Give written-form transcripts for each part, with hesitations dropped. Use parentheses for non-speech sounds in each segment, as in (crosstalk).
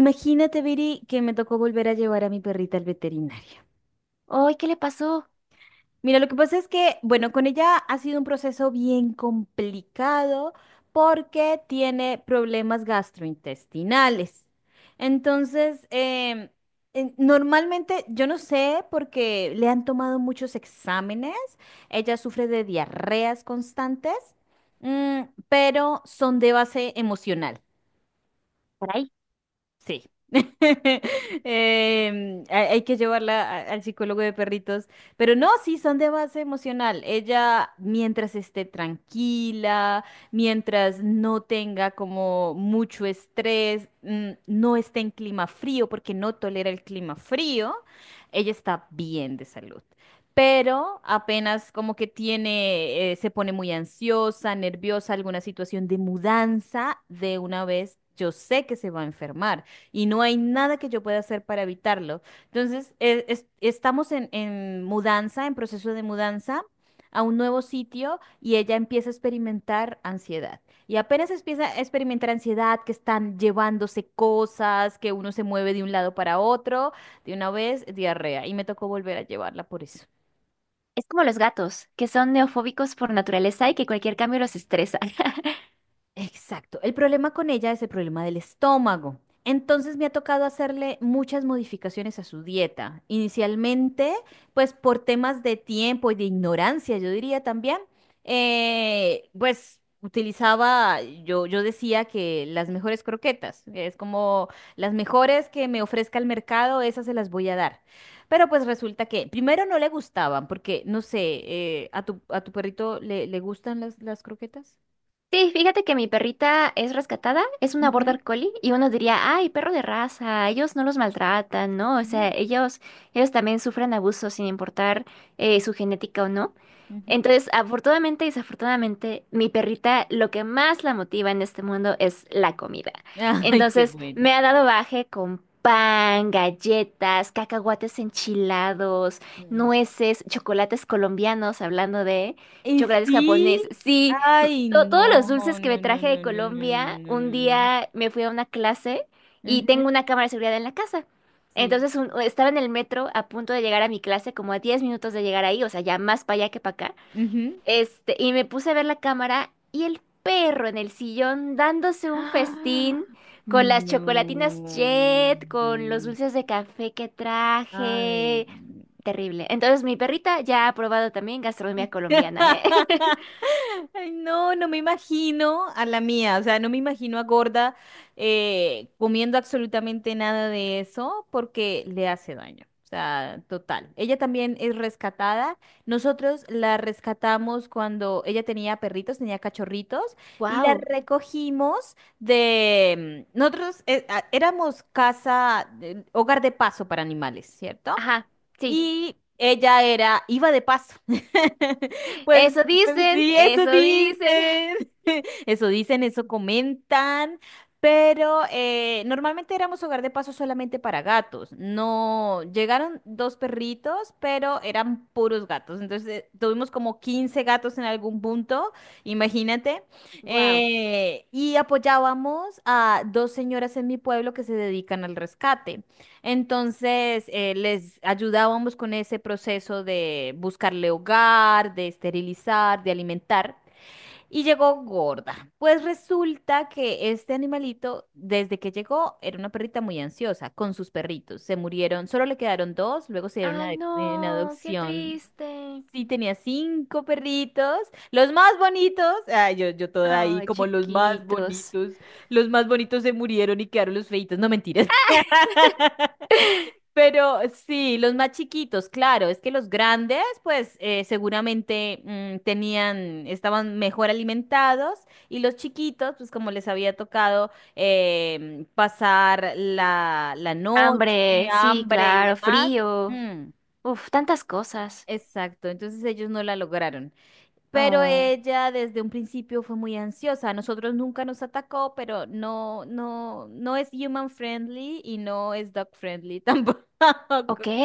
Imagínate, Viri, que me tocó volver a llevar a mi perrita al veterinario. Ay, ¿qué le pasó? Mira, lo que pasa es que, bueno, con ella ha sido un proceso bien complicado porque tiene problemas gastrointestinales. Entonces, em, Normalmente, yo no sé, porque le han tomado muchos exámenes, ella sufre de diarreas constantes, mm, pero son de base emocional. Por ahí. Sí. (laughs) Hay que llevarla al psicólogo de perritos, pero no, sí, son de base emocional. Ella, mientras esté tranquila, mientras no tenga como mucho estrés, no esté en clima frío porque no tolera el clima frío, ella está bien de salud. Pero apenas como que tiene, se pone muy ansiosa, nerviosa, alguna situación de mudanza, de una vez yo sé que se va a enfermar y no hay nada que yo pueda hacer para evitarlo. Estamos en mudanza, en proceso de mudanza a un nuevo sitio y ella empieza a experimentar ansiedad. Y apenas empieza a experimentar ansiedad, que están llevándose cosas, que uno se mueve de un lado para otro, de una vez, diarrea. Y me tocó volver a llevarla por eso. Es como los gatos, que son neofóbicos por naturaleza y que cualquier cambio los estresa. (laughs) Exacto. El problema con ella es el problema del estómago. Entonces me ha tocado hacerle muchas modificaciones a su dieta. Inicialmente, pues por temas de tiempo y de ignorancia, yo diría también, pues utilizaba, yo decía que las mejores croquetas, que es como las mejores que me ofrezca el mercado, esas se las voy a dar. Pero pues resulta que primero no le gustaban, porque no sé. ¿A tu perrito le gustan las croquetas? Sí, fíjate que mi perrita es rescatada, es una Ujú. border collie y uno Ok. diría, ay, perro de raza, ellos no los maltratan, ¿no? O Ujú, sea, ellos también sufren abuso sin importar su genética o no. ujú. Entonces, afortunadamente y desafortunadamente, mi perrita lo que más la motiva en este mundo es la comida. Ay, qué Entonces, bueno. me ha dado baje con pan, galletas, cacahuates enchilados, Sí. nueces, chocolates colombianos, hablando de Y chocolates sí, japoneses. Sí, ay, todos los no, no, dulces que me no, no, traje de no, no, no, Colombia, no, un no, no. día me fui a una clase y Ujú. tengo una cámara de seguridad en la casa. Sí. Entonces estaba en el metro a punto de llegar a mi clase, como a 10 minutos de llegar ahí, o sea, ya más para allá que para acá. Ujú. Este, y me puse a ver la cámara y el perro en el sillón dándose un festín Ah. con las No, chocolatinas no, Jet, con los no. dulces de café que Ay. traje. Terrible. Entonces, mi perrita ya ha probado también gastronomía colombiana, ¿eh? (laughs) (laughs) Ay, no, no me imagino a la mía, o sea, no me imagino a gorda, comiendo absolutamente nada de eso porque le hace daño. O sea, total. Ella también es rescatada. Nosotros la rescatamos cuando ella tenía perritos, tenía cachorritos, y la Wow. recogimos. Nosotros éramos casa, hogar de paso para animales, ¿cierto? Ajá, sí. Y ella era, iba de paso. (laughs) Pues, Eso pues dicen, sí, eso eso dicen. (laughs) dicen. (laughs) Eso dicen, eso comentan. Pero normalmente éramos hogar de paso solamente para gatos. No, llegaron dos perritos, pero eran puros gatos. Entonces tuvimos como 15 gatos en algún punto, imagínate. Wow. Y apoyábamos a dos señoras en mi pueblo que se dedican al rescate. Entonces, les ayudábamos con ese proceso de buscarle hogar, de esterilizar, de alimentar. Y llegó gorda. Pues resulta que este animalito, desde que llegó, era una perrita muy ansiosa con sus perritos. Se murieron, solo le quedaron dos, luego se dieron Ay, en no, qué adopción. triste. Sí, tenía cinco perritos, los más bonitos. Ay, yo toda ahí, Ay, como los más chiquitos. bonitos. Los más bonitos se murieron y quedaron los feitos. No mentiras. (laughs) (laughs) Pero sí, los más chiquitos, claro, es que los grandes, pues seguramente, estaban mejor alimentados y los chiquitos, pues como les había tocado, pasar la noche, Hambre, sí, hambre y claro, demás. frío. Mm, Uf, tantas cosas. exacto, entonces ellos no la lograron. Pero Oh, ella desde un principio fue muy ansiosa. A nosotros nunca nos atacó, pero no, no, no es human friendly y no es dog friendly tampoco. ok. (laughs)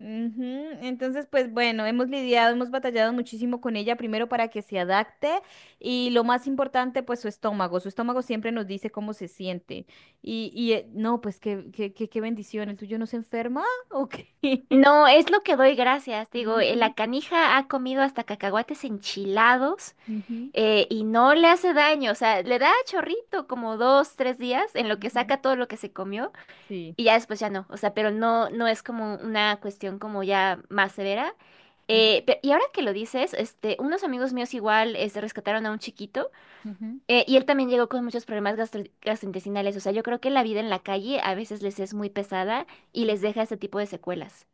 Ujú. Entonces, pues bueno, hemos lidiado, hemos batallado muchísimo con ella, primero para que se adapte y lo más importante, pues su estómago. Su estómago siempre nos dice cómo se siente. Y no, pues qué bendición. ¿El tuyo no se enferma o qué? (laughs) No, es lo que doy gracias. Digo, la Ujú, canija ha comido hasta cacahuates enchilados ujú, y no le hace daño. O sea, le da chorrito como dos, tres días en lo que ujú. saca todo lo que se comió Sí. y ya después ya no. O sea, pero no, no es como una cuestión como ya más severa. Ujú, Y ahora que lo dices, este, unos amigos míos igual este, rescataron a un chiquito. ujú. Y él también llegó con muchos problemas gastrointestinales. O sea, yo creo que la vida en la calle a veces les es muy pesada y Sí. les deja ese tipo de secuelas.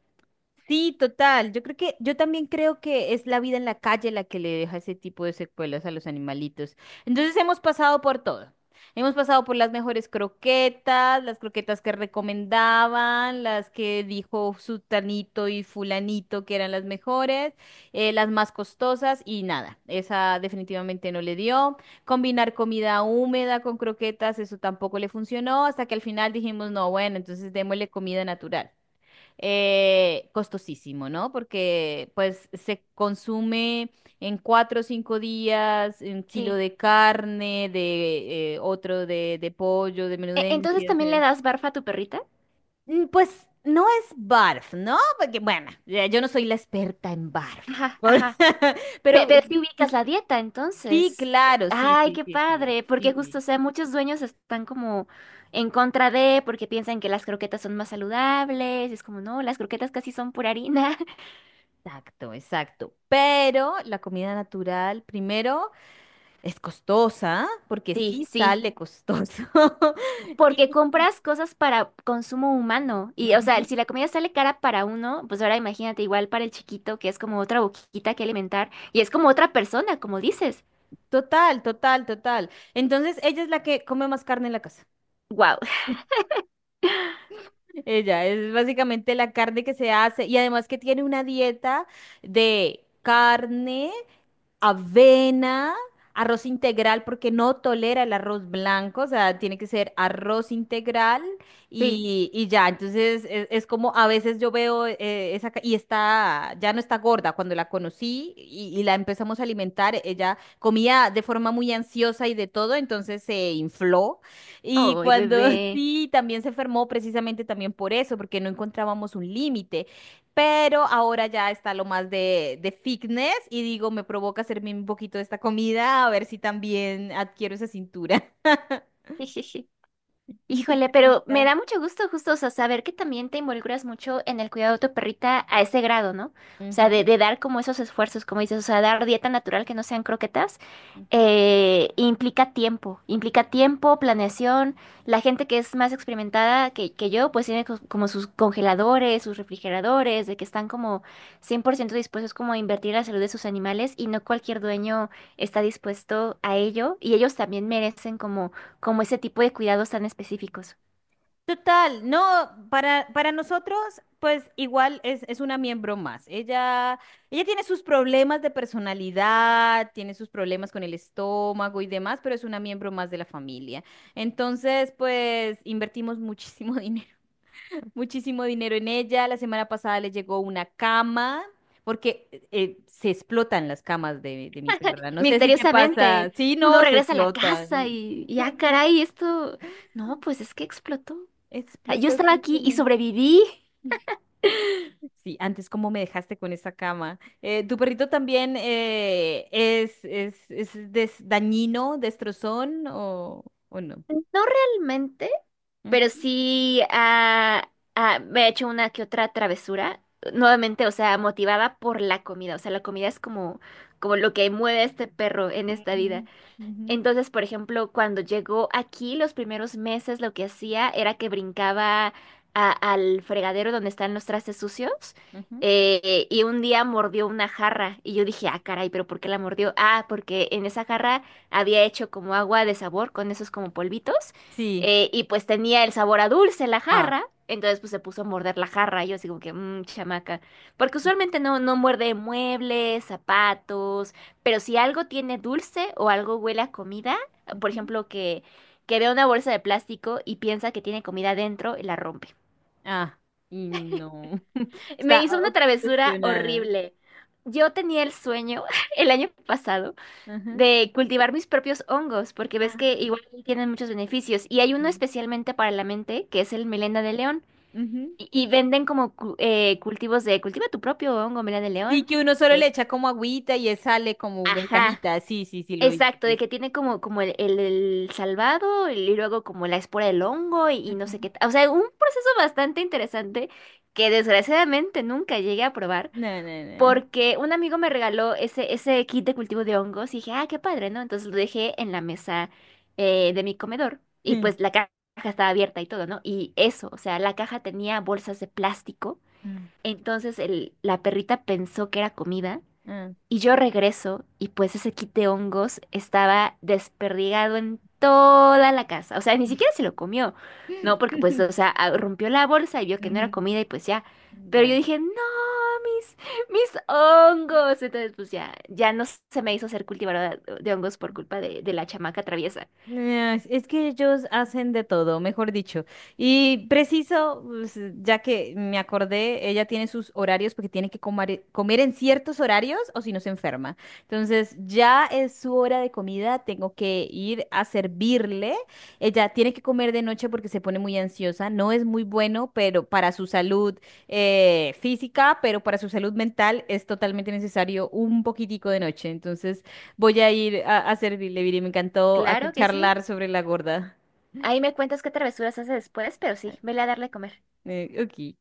Sí, total. Yo también creo que es la vida en la calle la que le deja ese tipo de secuelas a los animalitos. Entonces hemos pasado por todo. Hemos pasado por las mejores croquetas, las croquetas que recomendaban, las que dijo Sutanito y Fulanito que eran las mejores, las más costosas y nada, esa definitivamente no le dio. Combinar comida húmeda con croquetas, eso tampoco le funcionó, hasta que al final dijimos, no, bueno, entonces démosle comida natural. Costosísimo, ¿no? Porque pues se consume en 4 o 5 días un kilo Sí. de carne, de otro de pollo, de Entonces, menudencias. ¿también le das barfa a tu perrita? Pues no es barf, ¿no? Porque bueno, ya yo no soy la experta en barf. Ajá, Por- ajá. (laughs) Pero Pero si ubicas la dieta, sí, entonces. claro, sí, Ay, sí, qué sí, sí, padre, porque sí, justo, o sí. sea, muchos dueños están como en contra de, porque piensan que las croquetas son más saludables, y es como, no, las croquetas casi son pura harina. (laughs) Exacto, exacto. Pero la comida natural, primero. Es costosa, porque Sí, sí sí. sale costoso. Porque (laughs) Y- compras cosas para consumo humano. Y, o sea, Ujú. si la comida sale cara para uno, pues ahora imagínate igual para el chiquito, que es como otra boquita que alimentar. Y es como otra persona, como dices. Total, total, total. Entonces, ella es la que come más carne en la casa. Wow. (laughs) (laughs) Ella es básicamente la carne que se hace y además que tiene una dieta de carne, avena, arroz integral, porque no tolera el arroz blanco, o sea, tiene que ser arroz integral Sí. y ya. Entonces es como a veces yo veo, y está, ya no está gorda. Cuando la conocí y la empezamos a alimentar, ella comía de forma muy ansiosa y de todo, entonces se infló. Y Oh, cuando (laughs) bebé. sí, también se enfermó precisamente también por eso, porque no encontrábamos un límite. Pero ahora ya está lo más de, fitness y digo, me provoca hacerme un poquito de esta comida a ver si también adquiero esa cintura. (laughs) (laughs) Y tu Híjole, pero me perrita. da mucho gusto justo, o sea, saber que también te involucras mucho en el cuidado de tu perrita a ese grado, ¿no? O sea, Ujú, de dar como esos esfuerzos, como dices, o sea, dar dieta natural que no sean croquetas, ujú. Implica tiempo, planeación. La gente que es más experimentada que yo, pues tiene como sus congeladores, sus refrigeradores, de que están como 100% dispuestos como a invertir en la salud de sus animales y no cualquier dueño está dispuesto a ello y ellos también merecen como como ese tipo de cuidados tan específicos. Total, no, para nosotros, pues igual es una miembro más. Ella tiene sus problemas de personalidad, tiene sus problemas con el estómago y demás, pero es una miembro más de la familia. Entonces, pues invertimos muchísimo (laughs) dinero (laughs) muchísimo dinero en ella. La semana pasada le llegó una cama, porque se explotan las camas de mi perra. No sé si te pasa. Misteriosamente, Sí, no, uno se regresa a la casa explotan. Y ah, (laughs) caray, esto, no, pues es que explotó. Ah, yo Explota estaba aquí y simplemente. sobreviví. (laughs) Sí, antes cómo me dejaste con esa cama. ¿Tu perrito también, es dañino, destrozón o no? No realmente, pero Ujú, sí ah, ah, me he hecho una que otra travesura. Nuevamente, o sea, motivada por la comida. O sea, la comida es como, como lo que mueve a este perro en esta vida. ujú, ujú, Entonces, por ejemplo, cuando llegó aquí, los primeros meses lo que hacía era que brincaba al fregadero donde están los trastes sucios ujú. Y un día mordió una jarra y yo dije, ah, caray, pero ¿por qué la mordió? Ah, porque en esa jarra había hecho como agua de sabor con esos como polvitos Sí. Y pues tenía el sabor a dulce la Ah. jarra. Entonces pues se puso a morder la jarra y yo así como que, mmm, chamaca. Porque usualmente no, no muerde muebles, zapatos, pero si algo tiene dulce o algo huele a comida, por Ujú. ejemplo, que vea una bolsa de plástico y piensa que tiene comida dentro y la rompe. Ah, y no. (laughs) Me Está hizo una travesura obsesionada. horrible. Yo tenía el sueño (laughs) el año pasado Ajá. de cultivar mis propios hongos, porque ves Ah, que igual tienen muchos beneficios. Y hay uno sí. especialmente para la mente, que es el melena de león. Ujú. Y venden como cultivos de cultiva tu propio hongo, melena de Sí, león. que uno solo le Es, echa como agüita y él sale como en ajá. cajita. Sí, sí, sí, lo vi. Lo Exacto, de vi. que tiene como, como el salvado y luego como la espora del hongo y no sé Ujú. qué. Ta- O sea, un proceso bastante interesante que desgraciadamente nunca llegué a probar No, no, no. porque un amigo me regaló ese kit de cultivo de hongos y dije, ah, qué padre, ¿no? Entonces lo dejé en la mesa de mi comedor y pues la (laughs) caja estaba abierta y todo, ¿no? Y eso, o sea, la caja tenía bolsas de plástico, Ah. entonces el, la perrita pensó que era comida. Ah. Y yo regreso y pues ese kit de hongos estaba desperdigado en toda la casa. O sea, ni siquiera se lo comió, ¿no? Porque pues, o (laughs) sea, rompió la bolsa y vio que no era Ujú. comida y pues ya. Pero yo Ya. dije, no, mis, mis hongos. Entonces pues ya, ya no se me hizo ser cultivadora de hongos por culpa de la chamaca traviesa. Es que ellos hacen de todo, mejor dicho. Y preciso, pues, ya que me acordé, ella tiene sus horarios porque tiene que comer en ciertos horarios o si no se enferma. Entonces, ya es su hora de comida, tengo que ir a servirle. Ella tiene que comer de noche porque se pone muy ansiosa. No es muy bueno, pero para su salud, física, pero para su salud mental es totalmente necesario un poquitico de noche. Entonces, voy a ir a, servirle, Viri. Me encantó aquí Claro que sí. charlar sobre la gorda. Ahí me cuentas qué travesuras hace después, pero sí, vele a darle a comer. Ok.